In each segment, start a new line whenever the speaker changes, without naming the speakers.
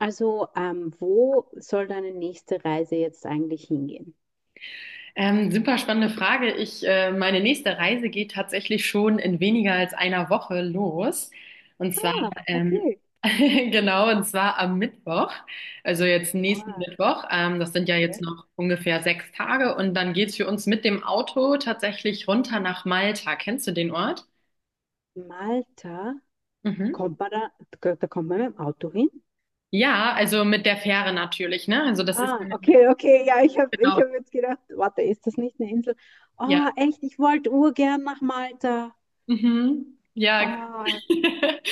Also, wo soll deine nächste Reise jetzt eigentlich hingehen?
Super spannende Frage. Ich, meine nächste Reise geht tatsächlich schon in weniger als einer Woche los. Und zwar,
Ah,
ähm,
okay.
genau, und zwar am Mittwoch. Also jetzt nächsten
Ah,
Mittwoch. Das sind ja jetzt
okay.
noch ungefähr 6 Tage. Und dann geht's für uns mit dem Auto tatsächlich runter nach Malta. Kennst du den Ort?
Malta,
Mhm.
kommt man da, da kommt man mit dem Auto hin?
Ja, also mit der Fähre natürlich, ne? Also das ist,
Ah,
genau,
okay, okay. Ja, ich hab jetzt gedacht, warte, ist das nicht eine Insel?
ja.
Oh, echt, ich wollte urgern nach Malta.
Mhm. Ja.
Oh,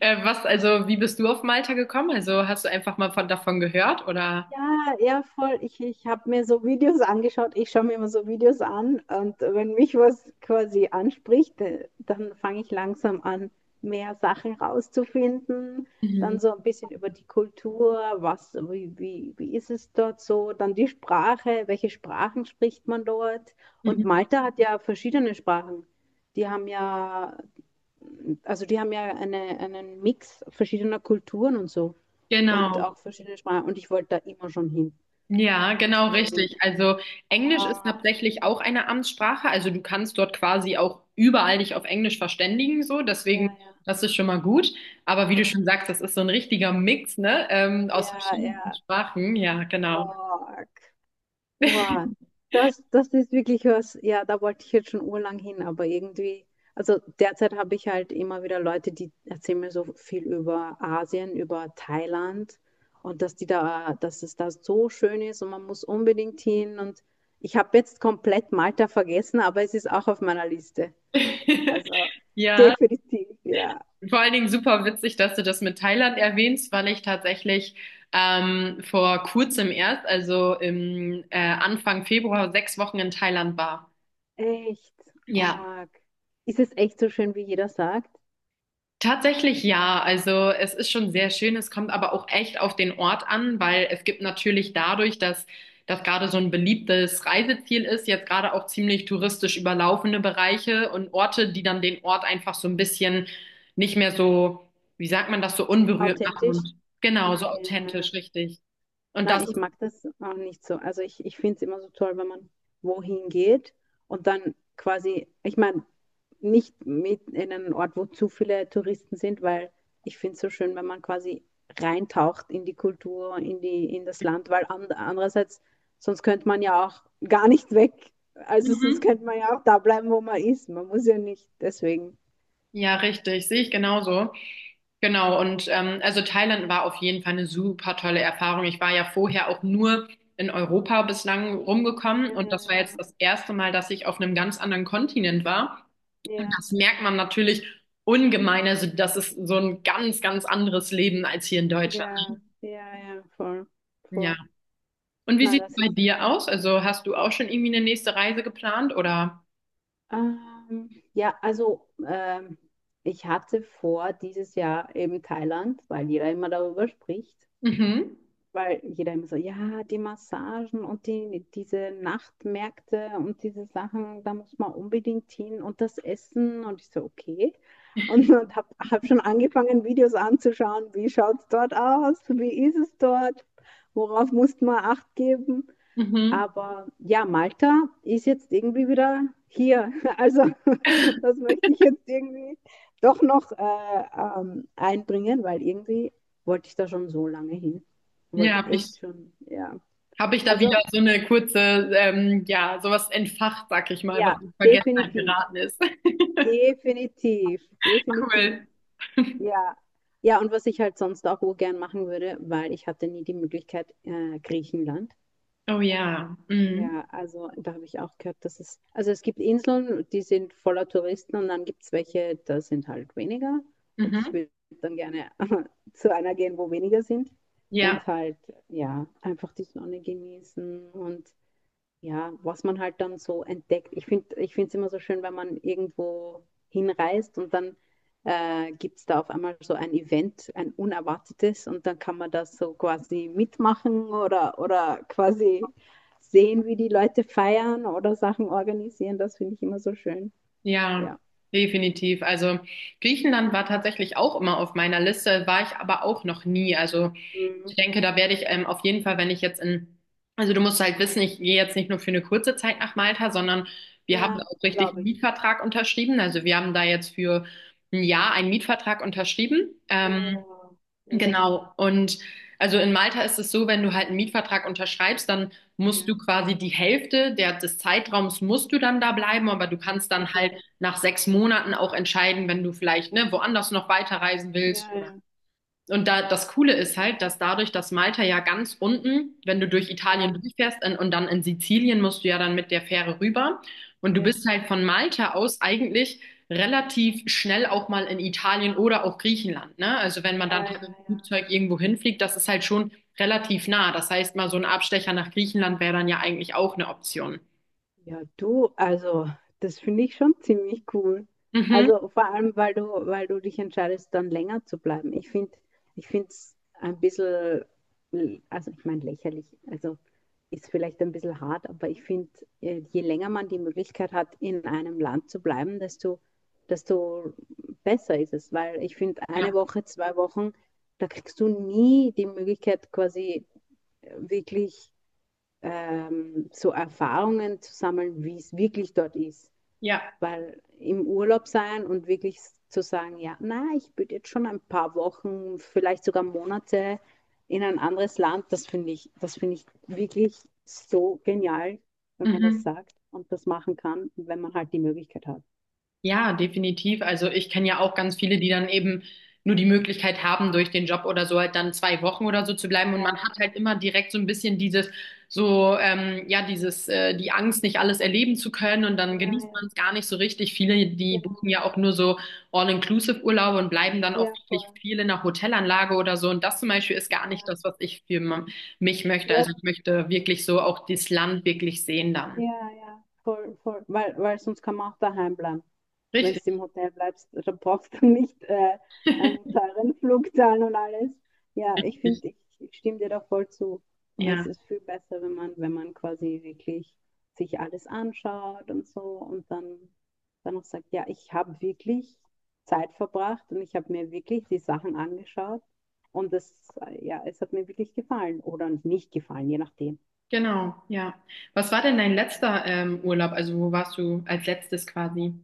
Also, wie bist du auf Malta gekommen? Also, hast du einfach mal davon gehört oder?
ja, ja, voll. Ich habe mir so Videos angeschaut. Ich schaue mir immer so Videos an, und wenn mich was quasi anspricht, dann fange ich langsam an, mehr Sachen rauszufinden. Dann
Mhm.
so ein bisschen über die Kultur, wie ist es dort so? Dann die Sprache, welche Sprachen spricht man dort? Und
Mhm.
Malta hat ja verschiedene Sprachen. Die haben ja, also die haben ja einen Mix verschiedener Kulturen und so, und
Genau.
auch verschiedene Sprachen. Und ich wollte da immer schon hin.
Ja, genau
Deswegen.
richtig. Also, Englisch
Oh,
ist tatsächlich auch eine Amtssprache. Also, du kannst dort quasi auch überall dich auf Englisch verständigen, so.
ja,
Deswegen,
ja,
das ist schon mal gut. Aber wie du
ja,
schon sagst, das ist so ein richtiger Mix, ne? Aus
ja,
verschiedenen
ja.
Sprachen. Ja, genau.
Oh, k- boah, das ist wirklich was, ja, da wollte ich jetzt schon urlang hin, aber irgendwie, also derzeit habe ich halt immer wieder Leute, die erzählen mir so viel über Asien, über Thailand, und dass es da so schön ist und man muss unbedingt hin, und ich habe jetzt komplett Malta vergessen, aber es ist auch auf meiner Liste. Also
Ja.
definitiv, ja.
Vor allen Dingen super witzig, dass du das mit Thailand erwähnst, weil ich tatsächlich vor kurzem erst, also im Anfang Februar, 6 Wochen in Thailand war.
Echt
Ja.
arg. Ist es echt so schön, wie jeder sagt?
Tatsächlich ja. Also es ist schon sehr schön. Es kommt aber auch echt auf den Ort an, weil es gibt natürlich dadurch, dass das gerade so ein beliebtes Reiseziel ist, jetzt gerade auch ziemlich touristisch überlaufene Bereiche und Orte, die dann den Ort einfach so ein bisschen nicht mehr so, wie sagt man das, so unberührt machen
Authentisch?
und genau, so
Ah, ja, ja, ja, ja.
authentisch, richtig. Und
Na,
das
ich
ist,
mag das auch nicht so. Also ich finde es immer so toll, wenn man wohin geht und dann quasi, ich meine, nicht mit in einen Ort, wo zu viele Touristen sind, weil ich finde es so schön, wenn man quasi reintaucht in die Kultur, in die, in das Land, weil andererseits, sonst könnte man ja auch gar nicht weg. Also sonst
mhm.
könnte man ja auch da bleiben, wo man ist. Man muss ja nicht, deswegen.
Ja, richtig, sehe ich genauso. Genau, und also Thailand war auf jeden Fall eine super tolle Erfahrung. Ich war ja vorher auch nur in Europa bislang rumgekommen
Ja,
und das war jetzt
ja,
das erste Mal, dass ich auf einem ganz anderen Kontinent war. Und
ja,
das merkt man natürlich ungemein. Also das ist so ein ganz, ganz anderes Leben als hier in Deutschland.
ja, ja, ja, ja, voll,
Ja.
voll.
Und wie
Na,
sieht es
das
bei
ist.
dir aus? Also hast du auch schon irgendwie eine nächste Reise geplant oder?
Ja, also, ich hatte vor, dieses Jahr eben Thailand, weil jeder immer darüber spricht.
Mhm.
Weil jeder immer so, ja, die Massagen und die, diese Nachtmärkte und diese Sachen, da muss man unbedingt hin, und das Essen. Und ich so, okay. Und und hab schon angefangen, Videos anzuschauen, wie schaut es dort aus, wie ist es dort, worauf muss man Acht geben.
Mhm.
Aber ja, Malta ist jetzt irgendwie wieder hier. Also das möchte ich jetzt irgendwie doch noch einbringen, weil irgendwie wollte ich da schon so lange hin. Wollte
Ja,
echt
ich.
schon, ja.
Habe ich da wieder
Also
so eine kurze, ja, sowas entfacht, sag ich mal, was
ja,
in Vergessenheit
definitiv.
geraten ist.
Definitiv, definitiv.
Cool.
Ja. Ja, und was ich halt sonst auch gern machen würde, weil ich hatte nie die Möglichkeit, Griechenland.
Oh ja. Mhm.
Ja, also da habe ich auch gehört, dass es, also es gibt Inseln, die sind voller Touristen, und dann gibt es welche, da sind halt weniger. Und ich
Mhm.
würde dann gerne zu einer gehen, wo weniger sind,
Ja,
und halt, ja, einfach die Sonne genießen und ja, was man halt dann so entdeckt. Ich finde es immer so schön, wenn man irgendwo hinreist und dann gibt es da auf einmal so ein Event, ein unerwartetes, und dann kann man das so quasi mitmachen oder quasi sehen, wie die Leute feiern oder Sachen organisieren. Das finde ich immer so schön.
ja,
Ja.
definitiv. Also Griechenland war tatsächlich auch immer auf meiner Liste, war ich aber auch noch nie. Also ich
Mhm.
denke, da werde ich auf jeden Fall, wenn ich jetzt in, also du musst halt wissen, ich gehe jetzt nicht nur für eine kurze Zeit nach Malta, sondern wir haben da
Ja,
auch richtig
glaube
einen
ich.
Mietvertrag unterschrieben. Also wir haben da jetzt für ein Jahr einen Mietvertrag unterschrieben.
Oh, ja,
Genau. Und also in Malta ist es so, wenn du halt einen Mietvertrag unterschreibst, dann musst
ja,
du quasi die Hälfte der, des Zeitraums musst du dann da bleiben, aber du kannst dann halt
okay.
nach 6 Monaten auch entscheiden, wenn du vielleicht, ne, woanders noch weiterreisen
Ja,
willst. Oder
ja,
und da, das Coole ist halt, dass dadurch, dass Malta ja ganz unten, wenn du durch Italien
ja,
durchfährst in, und dann in Sizilien musst du ja dann mit der Fähre rüber. Und du
ja,
bist halt von Malta aus eigentlich relativ schnell auch mal in Italien oder auch Griechenland, ne? Also wenn man
ja,
dann halt
ja,
im
ja.
Flugzeug irgendwo hinfliegt, das ist halt schon relativ nah. Das heißt, mal so ein Abstecher nach Griechenland wäre dann ja eigentlich auch eine Option.
Ja, du, also das finde ich schon ziemlich cool.
Mhm.
Also vor allem, weil du dich entscheidest, dann länger zu bleiben. Ich finde es ein bisschen, also ich meine lächerlich, also ist vielleicht ein bisschen hart, aber ich finde, je länger man die Möglichkeit hat, in einem Land zu bleiben, desto, desto besser ist es. Weil ich finde, eine
Ja.
Woche, zwei Wochen, da kriegst du nie die Möglichkeit, quasi wirklich so Erfahrungen zu sammeln, wie es wirklich dort ist.
Ja.
Weil im Urlaub sein und wirklich zu sagen, ja, na, ich würde jetzt schon ein paar Wochen, vielleicht sogar Monate in ein anderes Land, das finde ich wirklich so genial, wenn man das
Mhm.
sagt und das machen kann, wenn man halt die Möglichkeit hat.
Ja, definitiv. Also ich kenne ja auch ganz viele, die dann eben nur die Möglichkeit haben, durch den Job oder so halt dann 2 Wochen oder so zu bleiben. Und man hat halt immer direkt so ein bisschen dieses, so, ja, dieses, die Angst, nicht alles erleben zu können. Und dann genießt man es gar nicht so richtig. Viele, die buchen ja auch nur so All-Inclusive-Urlaube und bleiben dann auch wirklich viel in der Hotelanlage oder so. Und das zum Beispiel ist gar nicht das, was ich für mich möchte. Also ich möchte wirklich so auch das Land wirklich sehen dann.
Ja, ja, voll, voll. Weil, weil sonst kann man auch daheim bleiben. Wenn du
Richtig.
im Hotel bleibst, da brauchst du nicht einen teuren Flug zahlen und alles. Ja, ich finde, ich stimme dir da voll zu. Es
Ja.
ist viel besser, wenn man, wenn man quasi wirklich sich alles anschaut und so, und dann, dann auch sagt, ja, ich habe wirklich Zeit verbracht und ich habe mir wirklich die Sachen angeschaut, und das, ja, es hat mir wirklich gefallen oder nicht gefallen, je nachdem.
Genau, ja. Was war denn dein letzter Urlaub? Also wo warst du als letztes quasi?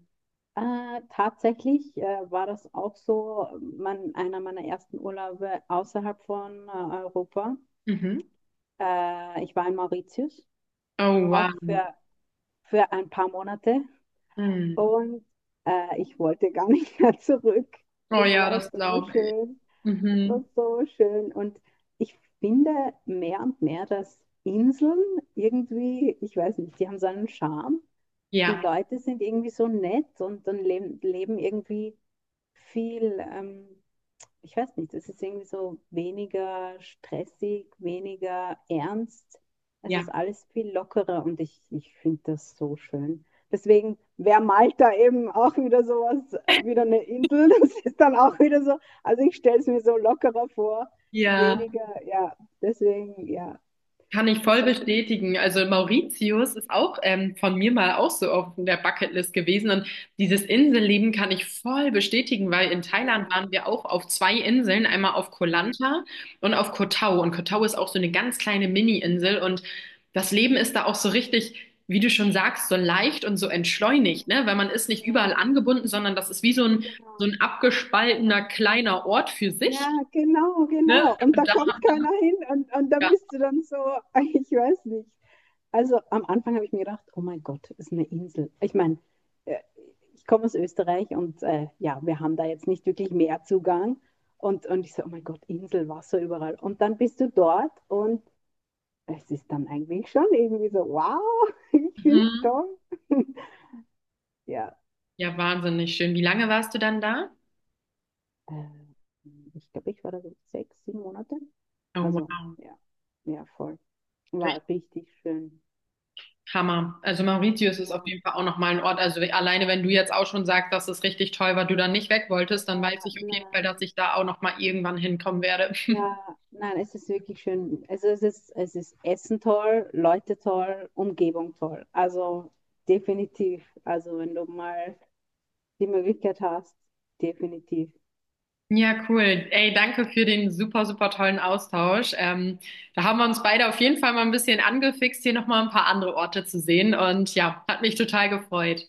Tatsächlich war das auch so, einer meiner ersten Urlaube außerhalb von Europa.
Mhm.
Ich war in Mauritius,
Oh, wow.
auch für ein paar Monate
Mhm.
und ich wollte gar nicht mehr zurück.
Oh
Es
ja,
war
das
so
glaube ich.
schön, es
Mhm.
war so schön und ich finde mehr und mehr, dass Inseln irgendwie, ich weiß nicht, die haben so einen Charme. Die
Ja,
Leute sind irgendwie so nett, und dann leben irgendwie viel. Ich weiß nicht, es ist irgendwie so weniger stressig, weniger ernst. Es ist
ja.
alles viel lockerer und ich finde das so schön. Deswegen wäre Malta eben auch wieder sowas, wieder eine Insel. Das ist dann auch wieder so. Also ich stelle es mir so lockerer vor,
Ja.
weniger, ja. Deswegen, ja,
Kann ich voll
das finde ich.
bestätigen. Also Mauritius ist auch von mir mal auch so auf der Bucketlist gewesen. Und dieses Inselleben kann ich voll bestätigen, weil in Thailand
Ja,
waren wir auch auf zwei Inseln, einmal auf Koh
ja,
Lanta und auf Koh Tao. Und Koh Tao ist auch so eine ganz kleine Mini-Insel. Und das Leben ist da auch so richtig, wie du schon sagst, so leicht und so
ja,
entschleunigt, ne? Weil man ist nicht
ja,
überall
ja,
angebunden, sondern das ist wie so
genau.
ein abgespaltener kleiner Ort für sich.
Ja, genau,
Ne?
genau. Und da
Und da,
kommt keiner hin, und dann
ja.
bist du dann so, ich weiß nicht. Also am Anfang habe ich mir gedacht, oh mein Gott, ist eine Insel. Ich meine, äh, ich komme aus Österreich und ja, wir haben da jetzt nicht wirklich mehr Zugang. Und ich so, oh mein Gott, Insel, Wasser überall. Und dann bist du dort, und es ist dann eigentlich schon irgendwie so, wow, ich finde es
Mhm.
toll. Ja,
Ja, wahnsinnig schön. Wie lange warst du dann da?
äh, ich glaube, ich war da so 6, 7 Monate.
Oh,
Also,
wow.
ja, ja, voll.
Richtig
War richtig schön.
Hammer. Also Mauritius ist
Ja,
auf jeden Fall auch nochmal ein Ort. Also alleine, wenn du jetzt auch schon sagst, dass es richtig toll war, du dann nicht weg wolltest, dann weiß
ja,
ich auf jeden Fall,
nein,
dass ich da auch nochmal irgendwann hinkommen werde.
ja, nein, es ist wirklich schön. Also es ist Essen toll, Leute toll, Umgebung toll. Also definitiv. Also wenn du mal die Möglichkeit hast, definitiv.
Ja, cool. Ey, danke für den super, super tollen Austausch. Da haben wir uns beide auf jeden Fall mal ein bisschen angefixt, hier nochmal ein paar andere Orte zu sehen. Und ja, hat mich total gefreut.